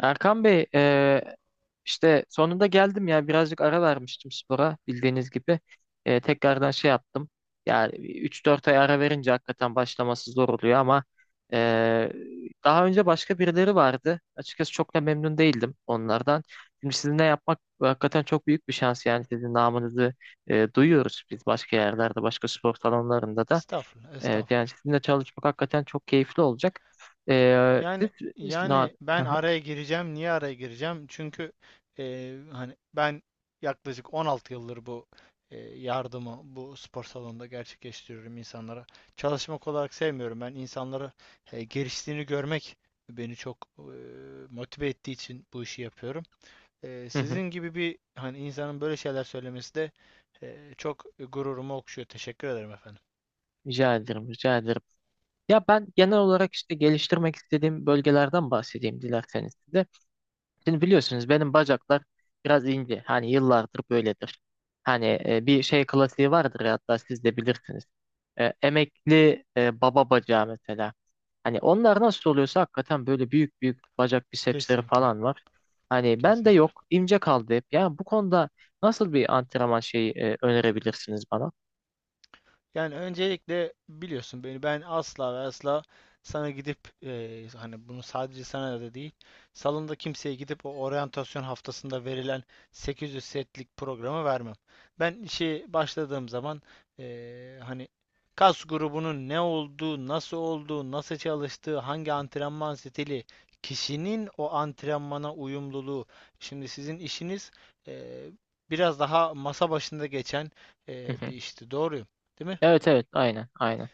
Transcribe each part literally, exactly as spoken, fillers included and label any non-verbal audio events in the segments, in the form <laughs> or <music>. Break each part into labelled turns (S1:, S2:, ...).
S1: Erkan Bey, e, işte sonunda geldim ya, birazcık ara vermiştim spora bildiğiniz gibi. E, tekrardan şey yaptım. Yani üç dört ay ara verince hakikaten başlaması zor oluyor ama e, daha önce başka birileri vardı. Açıkçası çok da memnun değildim onlardan. Şimdi sizinle yapmak hakikaten çok büyük bir şans, yani sizin namınızı e, duyuyoruz biz başka yerlerde, başka spor salonlarında da.
S2: Estağfurullah,
S1: E, yani
S2: estağfurullah.
S1: sizinle çalışmak hakikaten çok keyifli olacak. E, siz,
S2: Yani
S1: siz- na-
S2: yani ben araya gireceğim. Niye araya gireceğim? Çünkü e, hani ben yaklaşık on altı yıldır bu e, yardımı bu spor salonunda gerçekleştiriyorum insanlara. Çalışmak olarak sevmiyorum. Ben insanlara e, geliştiğini görmek beni çok e, motive ettiği için bu işi yapıyorum. E, sizin
S1: <laughs>
S2: gibi bir hani insanın böyle şeyler söylemesi de e, çok gururumu okşuyor. Teşekkür ederim efendim.
S1: Rica ederim, rica ederim. Ya ben genel olarak işte geliştirmek istediğim bölgelerden bahsedeyim dilerseniz size. Şimdi biliyorsunuz benim bacaklar biraz ince. Hani yıllardır böyledir. Hani e, bir şey klasiği vardır ya, hatta siz de bilirsiniz. E, emekli e, baba bacağı mesela. Hani onlar nasıl oluyorsa hakikaten böyle büyük büyük bacak bisepsleri
S2: Kesinlikle,
S1: falan var. Hani ben de
S2: kesinlikle.
S1: yok, ince kaldı hep. Yani bu konuda nasıl bir antrenman şeyi e, önerebilirsiniz bana?
S2: Yani öncelikle biliyorsun beni ben asla ve asla sana gidip eee, hani bunu sadece sana da değil salonda kimseye gidip o oryantasyon haftasında verilen sekiz yüz setlik programı vermem. Ben işe başladığım zaman eee, hani kas grubunun ne olduğu, nasıl olduğu, nasıl çalıştığı, hangi antrenman stili, kişinin o antrenmana uyumluluğu. Şimdi sizin işiniz eee, biraz daha masa başında geçen
S1: Hı
S2: eee,
S1: hı.
S2: bir işti. Doğruyum. Değil mi?
S1: Evet evet, aynen aynen.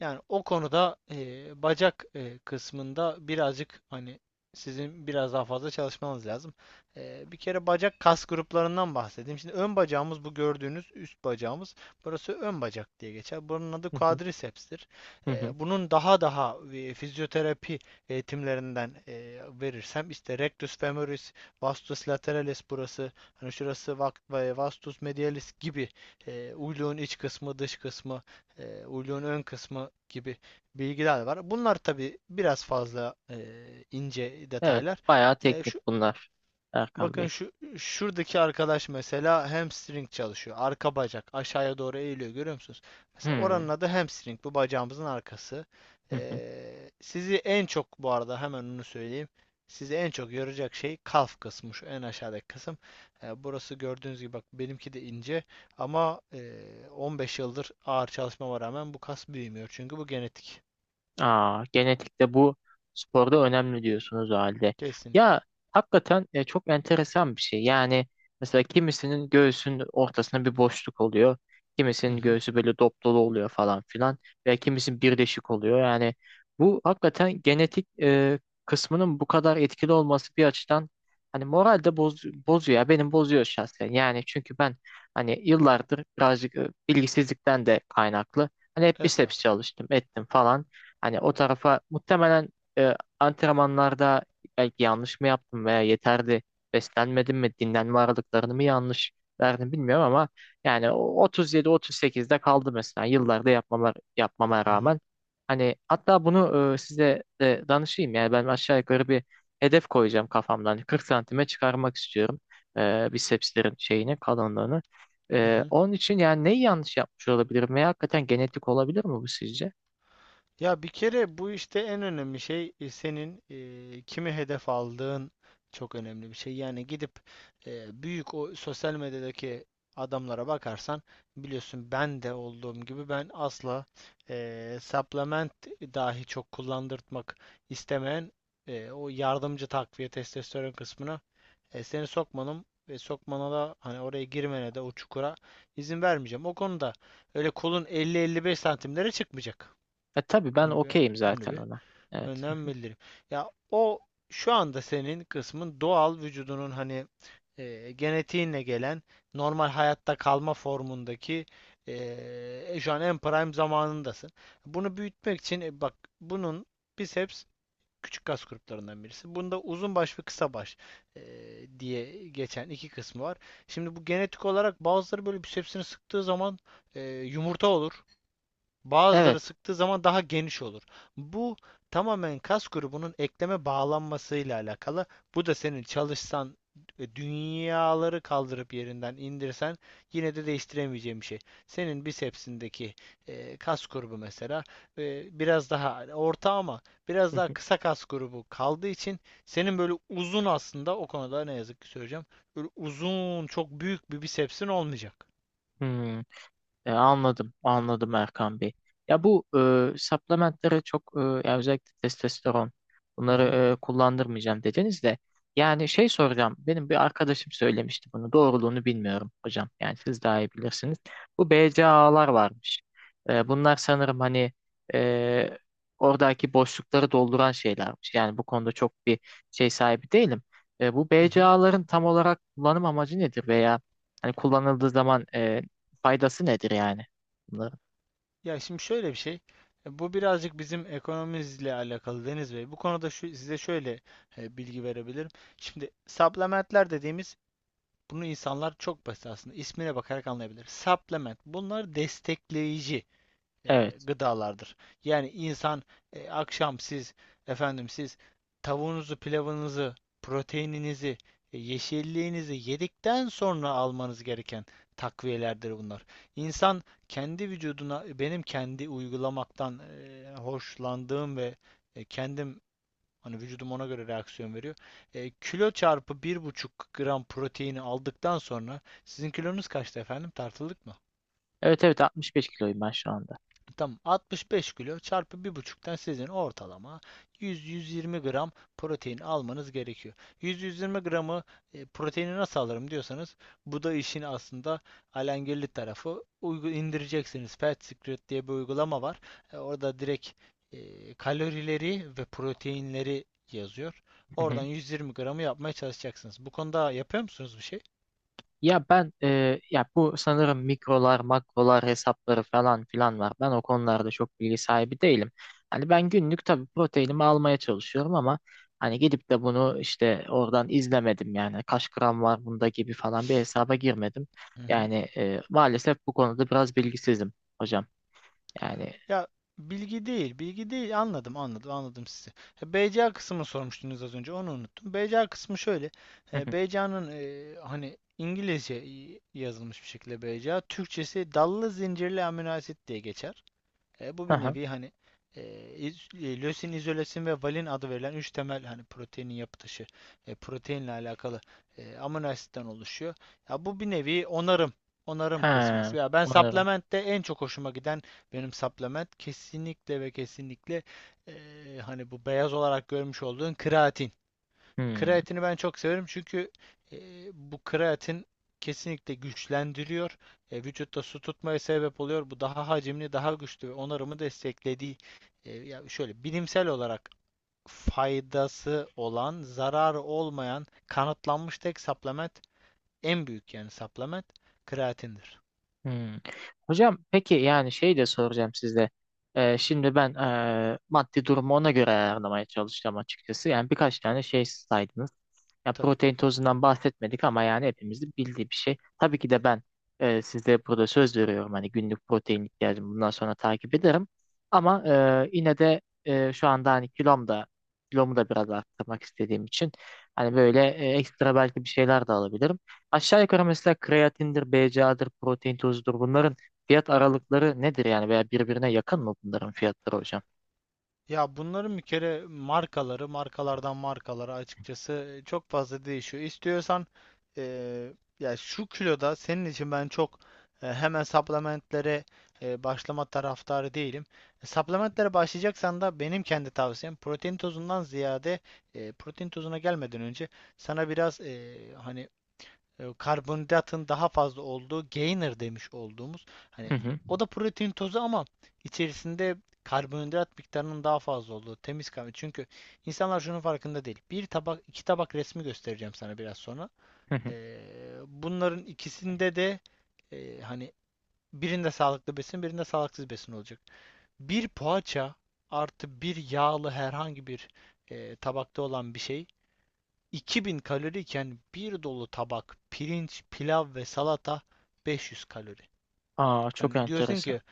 S2: Yani o konuda e, bacak e, kısmında birazcık hani sizin biraz daha fazla çalışmanız lazım. E, bir kere bacak kas gruplarından bahsedeyim. Şimdi ön bacağımız bu gördüğünüz üst bacağımız. Burası ön bacak diye geçer. Bunun adı
S1: Hı hı,
S2: quadriceps'tir.
S1: hı hı.
S2: E, bunun daha daha e, fizyoterapi eğitimlerinden e, verirsem işte rectus femoris, vastus lateralis burası, hani şurası vastus medialis gibi e, uyluğun iç kısmı, dış kısmı, e, uyluğun ön kısmı gibi bilgiler var. Bunlar tabii biraz fazla e, ince
S1: Evet,
S2: detaylar.
S1: bayağı
S2: E,
S1: teknik
S2: şu
S1: bunlar Erkan
S2: Bakın
S1: Bey.
S2: şu şuradaki arkadaş mesela hamstring çalışıyor. Arka bacak aşağıya doğru eğiliyor, görüyor musunuz?
S1: Hı
S2: Mesela
S1: hı.
S2: oranın adı hamstring. Bu bacağımızın arkası.
S1: Hı.
S2: Ee, sizi en çok bu arada hemen onu söyleyeyim. Sizi en çok yoracak şey kalf kısmı, şu en aşağıdaki kısım. Ee, burası gördüğünüz gibi, bak benimki de ince, ama e, on beş yıldır ağır çalışmama rağmen bu kas büyümüyor. Çünkü bu genetik.
S1: Aa, genetikte bu sporda önemli diyorsunuz o halde. Ya
S2: Kesinlikle.
S1: hakikaten e, çok enteresan bir şey. Yani mesela kimisinin göğsünün ortasında bir boşluk oluyor.
S2: Hı
S1: Kimisinin
S2: hı.
S1: göğsü böyle dop dolu oluyor falan filan. Veya kimisinin birleşik oluyor. Yani bu hakikaten genetik e, kısmının bu kadar etkili olması bir açıdan hani moral de boz, bozuyor ya. Benim bozuyor şahsen. Yani çünkü ben hani yıllardır birazcık e, bilgisizlikten de kaynaklı. Hani hep biceps
S2: Estağfurullah.
S1: çalıştım, ettim falan. Hani o tarafa muhtemelen e, antrenmanlarda belki yanlış mı yaptım, veya yeterli beslenmedim mi, dinlenme aralıklarını mı yanlış verdim bilmiyorum ama yani otuz yedi otuz sekizde kaldı mesela, yıllarda yapmama, yapmama
S2: Hı hı.
S1: rağmen. Hani hatta bunu e, size de danışayım, yani ben aşağı yukarı bir hedef koyacağım kafamdan. Hani kırk santime çıkarmak istiyorum e, bisepslerin şeyini, kalınlığını.
S2: Hı
S1: E,
S2: hı.
S1: onun için yani neyi yanlış yapmış olabilirim veya hakikaten genetik olabilir mi bu sizce?
S2: Ya bir kere bu işte en önemli şey e, senin e, kimi hedef aldığın çok önemli bir şey. Yani gidip e, büyük o sosyal medyadaki adamlara bakarsan, biliyorsun ben de olduğum gibi ben asla e, supplement dahi çok kullandırtmak istemeyen, e, o yardımcı takviye testosteron kısmına e, seni sokmanım ve sokmana da, hani oraya girmene de, o çukura izin vermeyeceğim. O konuda öyle kolun elli elli beş santimlere çıkmayacak.
S1: E tabii ben
S2: Onu bir
S1: okeyim
S2: onu
S1: zaten
S2: bir
S1: ona. Evet.
S2: önden bildireyim. Ya o şu anda senin kısmın doğal vücudunun, hani e, genetiğinle gelen normal hayatta kalma formundaki, e, şu an en prime zamanındasın. Bunu büyütmek için e, bak bunun, biceps küçük kas gruplarından birisi. Bunda uzun baş ve kısa baş e, diye geçen iki kısmı var. Şimdi bu genetik olarak, bazıları böyle bisepsini sıktığı zaman e, yumurta olur. Bazıları
S1: Evet.
S2: sıktığı zaman daha geniş olur. Bu tamamen kas grubunun ekleme bağlanmasıyla alakalı. Bu da senin çalışsan e, dünyaları kaldırıp yerinden indirsen yine de değiştiremeyeceğim bir şey. Senin bisepsindeki e, kas grubu mesela e, biraz daha orta ama biraz daha kısa
S1: <laughs>
S2: kas grubu kaldığı için senin böyle uzun, aslında o konuda ne yazık ki söyleyeceğim. Böyle uzun çok büyük bir bisepsin olmayacak.
S1: Hmm. E, anladım, anladım Erkan Bey. Ya bu e, supplementlere çok e, ya özellikle testosteron,
S2: Hı
S1: bunları
S2: hı.
S1: e, kullandırmayacağım dediniz de yani şey soracağım. Benim bir arkadaşım söylemişti bunu. Doğruluğunu bilmiyorum hocam. Yani siz daha iyi bilirsiniz. Bu B C A A'lar varmış. E, bunlar sanırım hani e, oradaki boşlukları dolduran şeylermiş. Yani bu konuda çok bir şey sahibi değilim. E, bu
S2: Hı hı.
S1: B C A A'ların tam olarak kullanım amacı nedir, veya hani kullanıldığı zaman e, faydası nedir yani? Bunların?
S2: Ya şimdi şöyle bir şey. e, Bu birazcık bizim ekonomimizle alakalı Deniz Bey. Bu konuda şu, size şöyle e, bilgi verebilirim. Şimdi supplementler dediğimiz, bunu insanlar çok basit aslında ismine bakarak anlayabilir. Supplement, bunlar destekleyici e,
S1: Evet.
S2: gıdalardır. Yani insan e, akşam siz, efendim siz tavuğunuzu, pilavınızı, proteininizi, e, yeşilliğinizi yedikten sonra almanız gereken takviyelerdir bunlar. İnsan kendi vücuduna, benim kendi uygulamaktan e, hoşlandığım ve e, kendim, hani vücudum ona göre reaksiyon veriyor. E, kilo çarpı bir buçuk gram proteini aldıktan sonra, sizin kilonuz kaçtı efendim? Tartıldık mı?
S1: Evet evet, altmış beş kiloyum ben şu anda.
S2: Tamam, altmış beş kilo çarpı bir buçuktan sizin ortalama yüz yüz yirmi gram protein almanız gerekiyor. yüz yüz yirmi gramı e, proteini nasıl alırım diyorsanız, bu da işin aslında alengirli tarafı. Uygu indireceksiniz. Fat Secret diye bir uygulama var. E, orada direkt e, kalorileri ve proteinleri yazıyor.
S1: Hı
S2: Oradan
S1: hı.
S2: yüz yirmi gramı yapmaya çalışacaksınız. Bu konuda yapıyor musunuz bir şey?
S1: Ya ben e, ya bu sanırım mikrolar, makrolar hesapları falan filan var. Ben o konularda çok bilgi sahibi değilim. Hani ben günlük tabii proteinimi almaya çalışıyorum ama hani gidip de bunu işte oradan izlemedim, yani kaç gram var bunda gibi falan bir hesaba girmedim.
S2: Hı hı.
S1: Yani e, maalesef bu konuda biraz bilgisizim hocam. Yani
S2: Ya bilgi değil, bilgi değil. Anladım, anladım, anladım sizi. E, B C A kısmını sormuştunuz az önce, onu unuttum. B C A kısmı şöyle.
S1: hı
S2: E,
S1: hı.
S2: B C A'nın, hani İngilizce y- yazılmış bir şekilde B C A, Türkçesi dallı zincirli amino asit diye geçer. E, bu
S1: Hı
S2: bir
S1: hı.
S2: nevi, hani e, e, lösin, izolesin ve valin adı verilen üç temel, hani proteinin yapı taşı, e, proteinle alakalı e, amino asitten oluşuyor. Ya bu bir nevi onarım, onarım
S1: He,
S2: kısmı. Ya ben
S1: anlıyorum.
S2: supplement'te en çok hoşuma giden, benim supplement kesinlikle ve kesinlikle, e, hani bu beyaz olarak görmüş olduğun kreatin.
S1: Hmm.
S2: Kreatini ben çok severim çünkü e, bu kreatin kesinlikle güçlendiriyor. E, vücutta su tutmaya sebep oluyor. Bu daha hacimli, daha güçlü ve onarımı desteklediği, e, ya şöyle bilimsel olarak faydası olan, zararı olmayan kanıtlanmış tek supplement, en büyük yani supplement kreatindir.
S1: Hmm. Hocam peki yani şey de soracağım size. Ee, şimdi ben ee, maddi durumu ona göre ayarlamaya çalışacağım açıkçası. Yani birkaç tane şey saydınız. Ya
S2: Tabii.
S1: protein tozundan bahsetmedik ama yani hepimizin bildiği bir şey. Tabii ki de ben ee, size burada söz veriyorum. Hani günlük protein ihtiyacımı bundan sonra takip ederim. Ama ee, yine de ee, şu anda hani kilom da kilomu da biraz arttırmak istediğim için hani böyle ee, ekstra belki bir şeyler de alabilirim. Aşağı yukarı mesela kreatindir, B C A'dır, protein tozudur. Bunların fiyat aralıkları nedir yani, veya birbirine yakın mı bunların fiyatları hocam?
S2: Ya bunların bir kere markaları, markalardan markalara açıkçası e, çok fazla değişiyor. İstiyorsan eee, ya şu kiloda senin için ben çok e, hemen supplementlere e, başlama taraftarı değilim. E, Supplementlere başlayacaksan da benim kendi tavsiyem protein tozundan ziyade, e, protein tozuna gelmeden önce sana biraz, e, hani e, karbonhidratın daha fazla olduğu, gainer demiş olduğumuz,
S1: Hı
S2: hani
S1: hı,
S2: o da protein tozu ama içerisinde karbonhidrat miktarının daha fazla olduğu, temiz kahve. Çünkü insanlar şunun farkında değil. Bir tabak, iki tabak resmi göstereceğim sana biraz sonra.
S1: hı hı.
S2: Ee, bunların ikisinde de, e, hani birinde sağlıklı besin, birinde sağlıksız besin olacak. Bir poğaça artı bir yağlı herhangi bir e, tabakta olan bir şey iki bin kaloriyken, bir dolu tabak pirinç, pilav ve salata beş yüz kalori.
S1: Aa, çok
S2: Hani diyorsun
S1: enteresan.
S2: ki,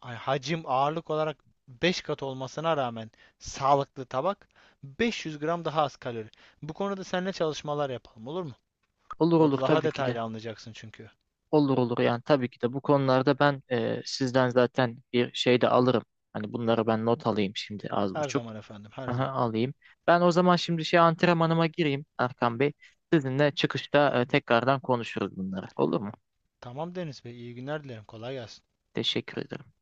S2: hani hacim ağırlık olarak beş kat olmasına rağmen, sağlıklı tabak beş yüz gram daha az kalori. Bu konuda seninle çalışmalar yapalım, olur mu?
S1: Olur olur,
S2: Orada daha
S1: tabii ki de.
S2: detaylı anlayacaksın çünkü.
S1: Olur olur, yani tabii ki de. Bu konularda ben e, sizden zaten bir şey de alırım. Hani bunları ben not alayım şimdi az
S2: Her
S1: buçuk.
S2: zaman efendim, her
S1: Aha,
S2: zaman.
S1: alayım. Ben o zaman şimdi şey antrenmanıma gireyim Erkan Bey. Sizinle çıkışta e, tekrardan konuşuruz bunları. Olur mu?
S2: Tamam Deniz Bey, iyi günler dilerim. Kolay gelsin.
S1: Teşekkür ederim.